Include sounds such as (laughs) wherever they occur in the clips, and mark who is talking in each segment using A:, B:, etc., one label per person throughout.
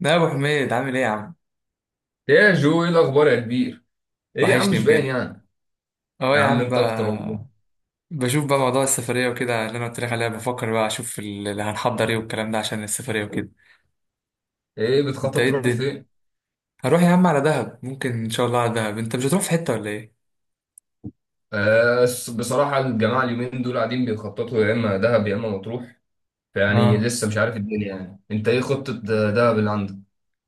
A: لا يا ابو حميد، عامل ايه يا عم؟
B: ايه يا جو، ايه الاخبار يا كبير؟ ايه يا عم،
A: وحشني
B: مش باين
A: بجد.
B: يعني.
A: اهو
B: يا
A: يا
B: عم
A: عم
B: انت اكتر والله.
A: بقى. بشوف بقى موضوع السفريه وكده اللي انا قلت لك عليها، بفكر بقى اشوف اللي هنحضر ايه والكلام ده عشان السفريه وكده.
B: ايه
A: انت
B: بتخطط
A: ايه
B: تروح
A: الدنيا؟
B: فين؟
A: هروح يا عم على دهب، ممكن ان شاء الله على دهب. انت مش هتروح في حته ولا ايه؟
B: بصراحه الجماعه اليومين دول قاعدين بيخططوا يا اما دهب يا اما مطروح. فيعني
A: اه.
B: لسه مش عارف الدنيا. يعني انت ايه خطه دهب اللي عندك؟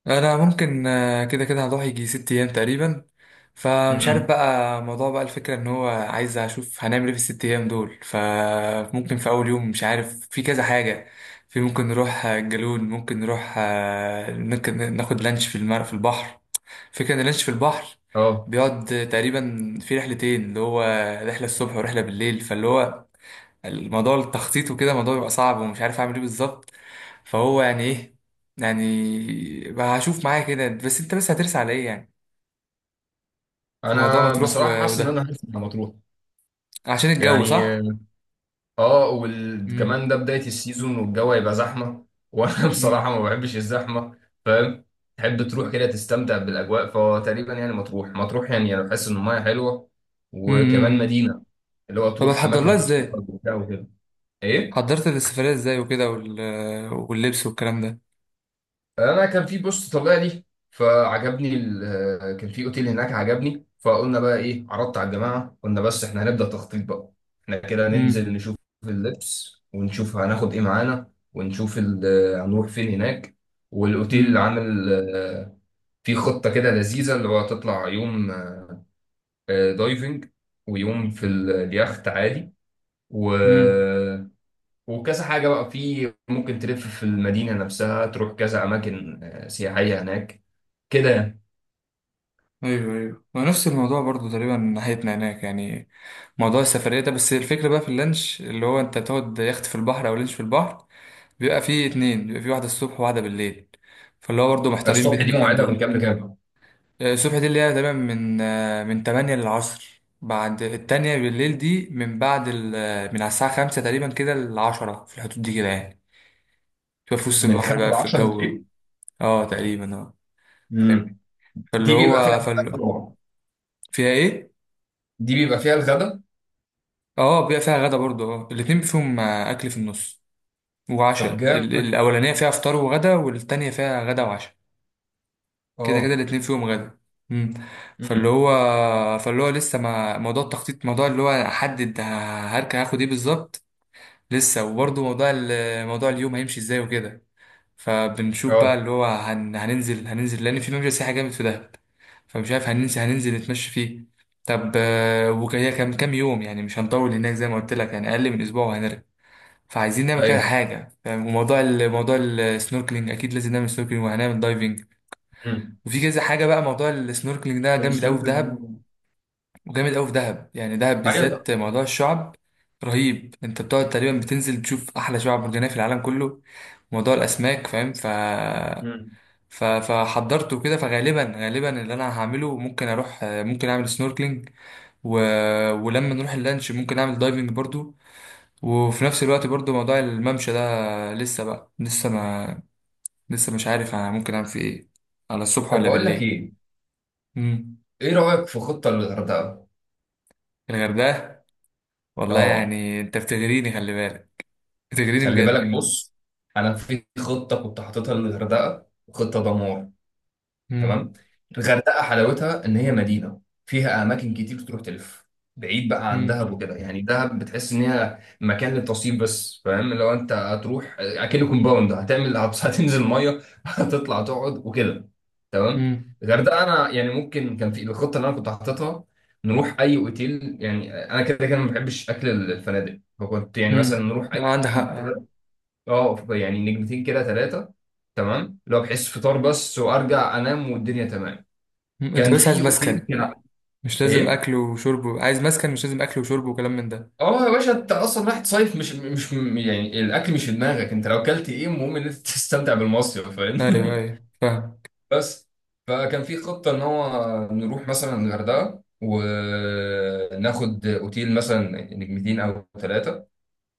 A: انا ممكن كده كده هروح يجي 6 ايام تقريبا. فمش عارف
B: امم
A: بقى موضوع بقى الفكره ان هو عايز اشوف هنعمل ايه في ال6 ايام دول. فممكن في اول يوم مش عارف في كذا حاجه. في ممكن نروح، الجالون، ممكن نروح، ممكن ناخد لانش في المر في البحر. فكره ان اللانش في البحر
B: اه،
A: بيقعد تقريبا في رحلتين، اللي هو رحله الصبح ورحله بالليل. فاللي هو الموضوع التخطيط وكده، الموضوع بيبقى صعب ومش عارف اعمل ايه بالظبط. فهو يعني ايه يعني بقى هشوف معايا كده، بس انت بس هترسى على ايه يعني؟ في موضوع
B: انا
A: مطروح
B: بصراحه حاسس ان انا
A: وده
B: هرسم على مطروح
A: عشان الجو صح.
B: يعني. اه، وكمان
A: امم.
B: ده بداية السيزون والجو هيبقى زحمة. وانا (laughs) بصراحة ما
A: امم.
B: بحبش الزحمة. فاهم، تحب تروح كده تستمتع بالاجواء، فتقريبا يعني مطروح يعني انا بحس ان المايه حلوة. وكمان
A: امم.
B: مدينة، اللي هو
A: طب
B: تروح
A: هتحضر
B: اماكن
A: لها ازاي؟
B: تتفرج وبتاع وكده. ايه،
A: حضرت السفرية ازاي وكده واللبس والكلام ده.
B: انا كان في بوست طالع لي فعجبني كان في اوتيل هناك عجبني، فقلنا بقى ايه، عرضت على الجماعه، قلنا بس احنا هنبدا تخطيط بقى. احنا كده ننزل
A: امم.
B: نشوف اللبس ونشوف هناخد ايه معانا ونشوف هنروح فين هناك، والاوتيل
A: امم.
B: عامل في خطه كده لذيذه، اللي هو تطلع يوم دايفنج، ويوم في اليخت عادي، و...
A: امم.
B: وكذا حاجه بقى. في ممكن تلف في المدينه نفسها، تروح كذا اماكن سياحيه هناك كده يعني.
A: ايوه ايوه، ما نفس الموضوع برضو تقريبا ناحيتنا هناك يعني. موضوع السفرية ده، بس الفكرة بقى في اللانش اللي هو انت تقعد يخت في البحر او لانش في البحر. بيبقى فيه اتنين، بيبقى فيه واحدة الصبح وواحدة بالليل. فاللي هو برضه محتارين بين
B: الصبح دي
A: الاتنين
B: موعدها من
A: دول.
B: كام لكام؟
A: الصبح دي اللي هي تمام من من 8 للعصر. بعد التانية بالليل دي من بعد من على الساعة 5 تقريبا كده ل10 في الحدود دي كده يعني. تبقى في وسط
B: من
A: البحر
B: 5
A: بقى
B: ل
A: في
B: 10
A: الجو.
B: بالليل.
A: اه تقريبا اه. فاهم؟
B: امم،
A: فاللي
B: دي بيبقى فيها
A: هو
B: الغدا طبعا.
A: فيها ايه؟
B: دي بيبقى فيها الغدا.
A: اه بيبقى فيها غدا برضه. اه الاتنين فيهم أكل في النص.
B: طب
A: وعشاء
B: جامد ده.
A: الأولانية فيها فطار وغدا، والتانية فيها غدا وعشاء. كده كده
B: اه.
A: الاتنين فيهم غدا. امم. فاللي
B: امم.
A: هو فاللي هو لسه ما موضوع التخطيط موضوع اللي هو احدد هركب هاخد ايه بالظبط. لسه، وبرضه موضوع موضوع اليوم هيمشي ازاي وكده. فبنشوف بقى
B: اه.
A: اللي هو هننزل لان في ممشى سياحي جامد في دهب. فمش عارف هننزل نتمشى فيه. طب وهي كام كام يوم يعني؟ مش هنطول هناك زي ما قلت لك يعني اقل من اسبوع وهنرجع. فعايزين نعمل كده
B: ايوه.
A: حاجه فاهم؟ وموضوع موضوع السنوركلينج اكيد لازم نعمل سنوركلينج وهنعمل دايفنج.
B: امم.
A: وفي كذا حاجه بقى. موضوع السنوركلينج ده جامد قوي
B: السلوت
A: في دهب.
B: ال-
A: وجامد قوي في دهب، يعني دهب
B: ايوه
A: بالذات
B: طب.
A: موضوع الشعب رهيب. انت بتقعد تقريبا بتنزل تشوف احلى شعب مرجانيه في العالم كله. موضوع الاسماك فاهم، ف
B: امم.
A: ف فحضرته كده. فغالبا غالبا اللي انا هعمله ممكن اروح ممكن اعمل سنوركلينج. و... ولما نروح اللانش ممكن اعمل دايفنج برضو. وفي نفس الوقت برضو موضوع الممشى ده لسه بقى لسه ما لسه مش عارف انا ممكن اعمل فيه ايه، على الصبح
B: طب
A: ولا
B: بقول لك
A: بالليل.
B: ايه،
A: امم.
B: ايه رايك في خطه للغردقه؟
A: الغردقه، والله
B: اه،
A: يعني انت بتغريني. خلي بالك، بتغريني
B: خلي
A: بجد.
B: بالك. بص، انا في خطه كنت حاططها للغردقه، خطه دمار. تمام.
A: مم.
B: الغردقه حلاوتها ان هي مدينه فيها اماكن كتير تروح تلف، بعيد بقى عن دهب
A: مم.
B: وكده. يعني دهب بتحس ان هي مكان للتصيف بس. فاهم، لو انت هتروح اكنه كومباوند هتعمل (laughs) هتنزل ميه (laughs) هتطلع تقعد وكده. تمام.
A: مم.
B: الغردقه انا يعني ممكن، كان في الخطه اللي انا كنت حاططها نروح اي اوتيل. يعني انا كده كده ما بحبش اكل الفنادق، فكنت يعني مثلا
A: مم.
B: نروح اي
A: لا عندك حق
B: اوتيل، اه، يعني نجمتين كده ثلاثة. تمام، لو بحس فطار بس وارجع انام والدنيا تمام.
A: انت
B: كان
A: بس عايز
B: في اوتيل
A: مسكن.
B: كده.
A: مش لازم
B: ايه؟
A: اكل وشرب، عايز مسكن مش لازم اكل وشرب وكلام من ده.
B: اه يا باشا، انت اصلا رايح تصيف، مش يعني الاكل مش في دماغك. انت لو اكلت ايه، المهم ان انت (laughs) تستمتع بالمصيف. فاهم
A: ايوه
B: (laughs)
A: ايوه فاهم.
B: بس فكان في خطة ان هو نروح مثلا الغردقة وناخد اوتيل مثلا نجمتين او ثلاثة،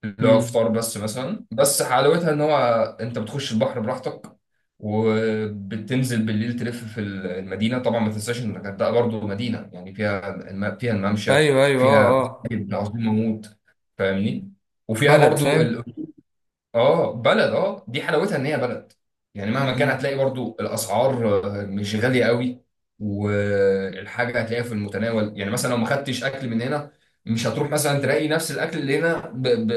B: اللي هو
A: مم.
B: فطار بس مثلا. بس حلاوتها ان هو انت بتخش البحر براحتك، وبتنزل بالليل تلف في المدينه. طبعا ما تنساش ان الغردقه برضه مدينه، يعني فيها فيها الممشى،
A: ايوه ايوه
B: فيها
A: اه اه.
B: مساجد عظيمه موت، فاهمني؟ وفيها
A: بلد
B: برضه،
A: فاهم.
B: اه، بلد. اه، دي حلاوتها ان هي بلد، يعني مهما كان
A: مم.
B: هتلاقي برضو الاسعار مش غاليه قوي. والحاجه هتلاقيها في المتناول، يعني مثلا لو ما خدتش اكل من هنا، مش هتروح مثلا تلاقي نفس الاكل اللي هنا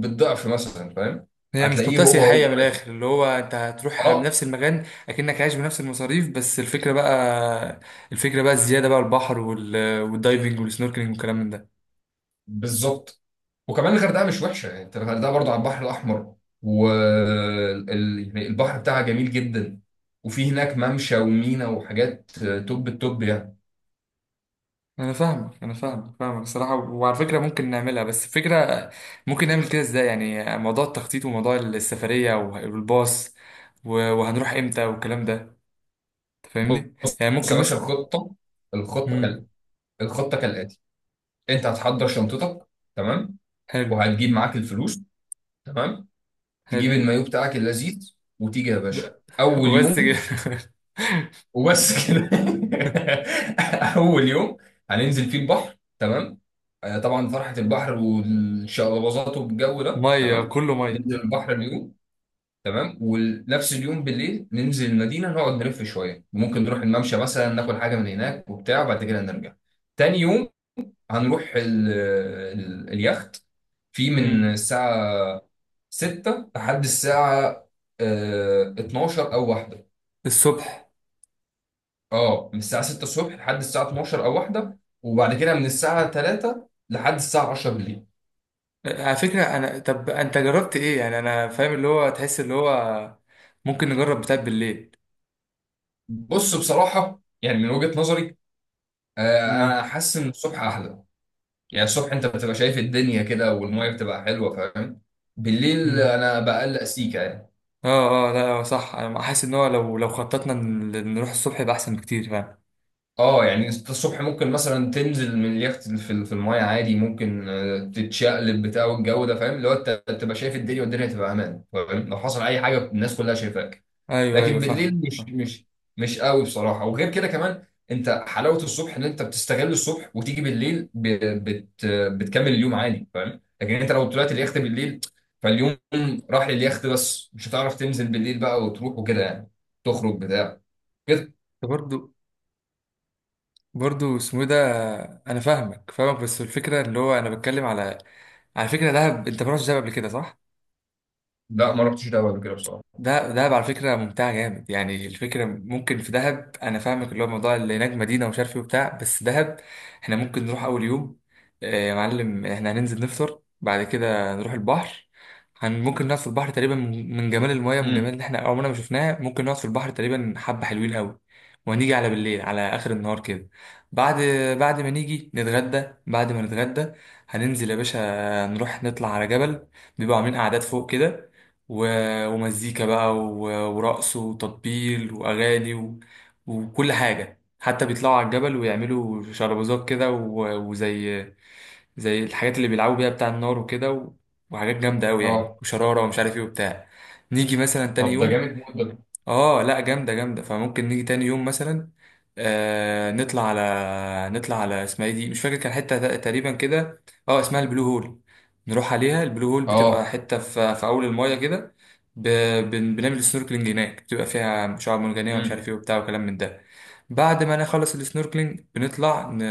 B: بالضعف مثلا، فاهم؟
A: هي مش
B: هتلاقيه
A: منطقة
B: هو
A: سياحية
B: هو.
A: من الآخر، اللي هو أنت هتروح على
B: اه
A: نفس المكان أكنك عايش بنفس المصاريف. بس الفكرة بقى، الفكرة بقى الزيادة بقى البحر والدايفنج والسنوركلينج والكلام من ده.
B: بالظبط. وكمان الغردقه مش وحشه، يعني انت الغردقه برضو على البحر الاحمر، والبحر بتاعها جميل جدا، وفي هناك ممشى ومينا وحاجات توب التوب يعني.
A: انا فاهمك انا فاهمك فاهمك الصراحه، وعلى فكره ممكن نعملها بس فكره. ممكن نعمل كده ازاي يعني، موضوع التخطيط وموضوع السفريه والباص وهنروح امتى والكلام ده. تفهمني
B: بص
A: يعني ممكن
B: يا باشا،
A: مثلا.
B: الخطة، الخطة
A: امم.
B: كال... الخطة كالآتي: أنت هتحضر شنطتك، تمام،
A: حلو.
B: وهتجيب معاك الفلوس، تمام، تجيب
A: حلو.
B: المايو بتاعك اللذيذ وتيجي يا
A: (laughs) ب-.
B: باشا. أول
A: وبس كده.
B: يوم، وبس كده. (laughs) أول يوم هننزل فيه البحر، تمام، طبعا فرحة البحر والشقلباظات والجو
A: (laughs)
B: ده،
A: ميه
B: تمام.
A: كله ميه.
B: ننزل البحر اليوم، تمام، ونفس اليوم بالليل ننزل المدينة، نقعد نلف شوية، ممكن نروح الممشى مثلا، ناكل حاجة من هناك وبتاع، وبعد كده نرجع. تاني يوم هنروح اليخت، في من
A: امم.
B: الساعة 6 لحد الساعة 12 أو واحدة.
A: الصبح.
B: اه، من الساعة 6 الصبح لحد الساعة 12 أو واحدة، وبعد كده من الساعة 3 لحد الساعة 10 بالليل.
A: على فكره، انا طب انت جربت ايه يعني؟ انا فاهم اللي هو تحس اللي هو ممكن نجرب بتاع بالليل.
B: بص بصراحة يعني من وجهة نظري، أنا حاسس إن الصبح أحلى، يعني الصبح انت بتبقى شايف الدنيا كده والميه بتبقى حلوه، فاهم؟ بالليل
A: امم.
B: انا بقلق سيكا يعني.
A: اه اه، لا هو صح انا حاسس ان هو لو خططنا نروح الصبح يبقى احسن بكتير فعلا.
B: اه، يعني انت الصبح ممكن مثلا تنزل من اليخت في الميه عادي، ممكن تتشقلب بتاع والجو ده، فاهم؟ اللي هو انت بتبقى شايف الدنيا والدنيا تبقى امان، فاهم؟ لو حصل اي حاجه الناس كلها شايفاك.
A: ايوه
B: لكن
A: ايوه
B: بالليل
A: فاهم.
B: مش قوي بصراحه. وغير كده كمان، انت حلاوه الصبح ان انت بتستغل الصبح وتيجي بالليل بت... بتكمل اليوم عادي، فاهم؟ لكن انت لو طلعت اليخت بالليل، فاليوم راح لليخت بس، مش هتعرف تنزل بالليل بقى وتروح وكده يعني، تخرج بتاع كده.
A: برضو، برضو اسمه إيه ده؟ انا فاهمك فاهمك، بس الفكره اللي هو انا بتكلم على على فكره دهب. انت ما رحتش دهب قبل كده صح؟
B: لا، ما رحتش ده قبل كده بصراحه.
A: ده دهب على فكرة ممتعة جامد يعني. الفكرة ممكن في دهب، أنا فاهمك اللي هو موضوع اللي هناك مدينة ومش عارف إيه وبتاع، بس دهب. إحنا ممكن نروح أول يوم يا معلم إحنا هننزل نفطر، بعد كده نروح البحر. هن ممكن نقعد في البحر تقريبا، من جمال المياه، من جمال
B: امم.
A: اللي إحنا عمرنا ما شفناه، ممكن نقعد في البحر تقريبا حبة حلوين قوي. وهنيجي على بالليل على آخر النهار كده، بعد بعد ما نيجي نتغدى، بعد ما نتغدى هننزل يا باشا. نروح نطلع على جبل، بيبقوا عاملين قعدات فوق كده، ومزيكا بقى ورقص وتطبيل وأغاني وكل حاجة. حتى بيطلعوا على الجبل ويعملوا شربوزات كده وزي الحاجات اللي بيلعبوا بيها بتاع النار وكده وحاجات جامدة أوي يعني،
B: اه.
A: وشرارة ومش عارف ايه وبتاع. نيجي مثلا تاني
B: طب ده
A: يوم،
B: جامد موت ده.
A: اه لا جامده جامده. فممكن نيجي تاني يوم مثلا آه نطلع على نطلع على اسمها ايه دي مش فاكر، كان حته تقريبا كده. اه اسمها البلو هول. نروح عليها البلو هول، بتبقى
B: اه.
A: حته في اول المايه كده. ب... بنعمل سنوركلينج هناك، بتبقى فيها شعاب مرجانيه ومش
B: امم.
A: عارف ايه وبتاع وكلام من ده. بعد ما نخلص السنوركلينج بنطلع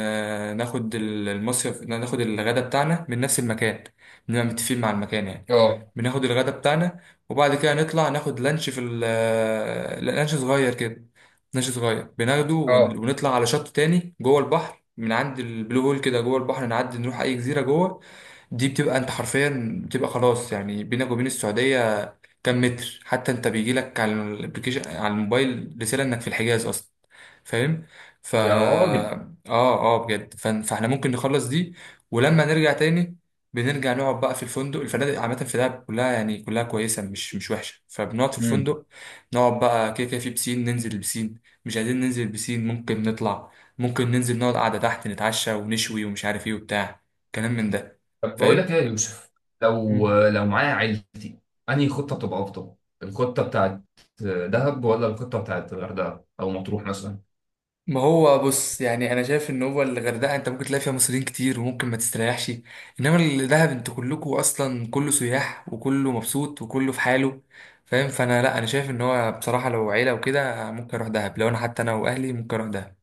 A: ناخد المصيف، ناخد الغدا بتاعنا من نفس المكان، بنبقى متفقين مع المكان يعني.
B: اه.
A: بناخد الغدا بتاعنا، وبعد كده نطلع ناخد لانش في لا، لانش صغير كده. لانش صغير بناخده
B: اه.
A: ونطلع على شط تاني جوه البحر، من عند البلو هول كده جوه البحر نعدي نروح اي جزيره جوه. دي بتبقى انت حرفيا بتبقى خلاص يعني بينك وبين السعوديه كام متر. حتى انت بيجي لك على الابلكيشن على الموبايل رساله انك في الحجاز اصلا. فاهم. فا.
B: يا راجل.
A: اه اه بجد، فاحنا ممكن نخلص دي، ولما نرجع تاني بنرجع نقعد بقى في الفندق. الفنادق عامه في دهب كلها يعني، كلها كويسه، مش وحشه. فبنقعد في الفندق، نقعد بقى كده كده في بسين، ننزل البسين. مش عايزين ننزل البسين ممكن نطلع، ممكن ننزل نقعد قعده تحت، نتعشى ونشوي ومش عارف ايه وبتاع كلام من ده.
B: طب بقول لك ايه
A: فاهم.
B: يا يوسف، لو لو معايا عيلتي، انهي خطه بتبقى افضل؟ الخطه بتاعت دهب ولا الخطه بتاعت الغردقه او مطروح مثلا؟
A: ما هو بص، يعني انا شايف ان هو الغردقه انت ممكن تلاقي فيها مصريين كتير وممكن ما تستريحش. انما الدهب انتوا كلكوا اصلا كله سياح وكله مبسوط وكله في حاله فاهم. فانا لا، انا شايف ان هو بصراحه لو عيله وكده ممكن اروح دهب. لو انا حتى انا واهلي ممكن اروح دهب،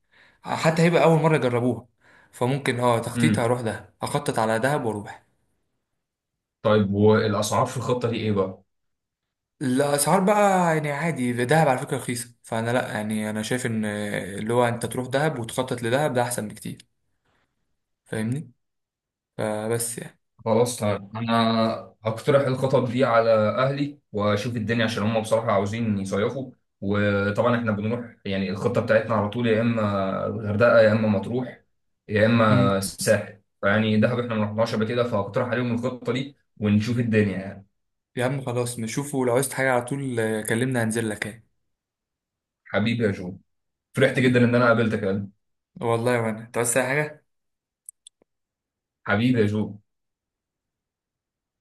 A: حتى هيبقى اول مره يجربوها. فممكن اه تخطيط
B: امم.
A: هروح دهب، اخطط على دهب واروح.
B: طيب والاسعار في الخطه دي ايه بقى؟
A: الاسعار بقى، يعني عادي دهب على فكره رخيصه. فانا لا، يعني انا شايف ان اللي هو انت تروح دهب وتخطط لدهب ده احسن بكتير فاهمني، فبس يعني.
B: خلاص طيب، انا هقترح الخطط دي على اهلي واشوف الدنيا، عشان هم بصراحه عاوزين يصيفوا. وطبعا احنا بنروح يعني، الخطه بتاعتنا على طول يا اما الغردقه يا اما مطروح يا اما
A: امم.
B: الساحل. فيعني دهب احنا ما رحناش قبل كده، فهقترح عليهم الخطه دي ونشوف الدنيا يعني.
A: يا عم خلاص نشوفه، لو عايزت حاجة على طول كلمني هنزل لك ايه.
B: حبيبي يا جو، فرحت جدا
A: حبيبي،
B: ان انا قابلتك يا قلبي.
A: والله وانا انت عايز أي حاجة.
B: حبيبي يا جو.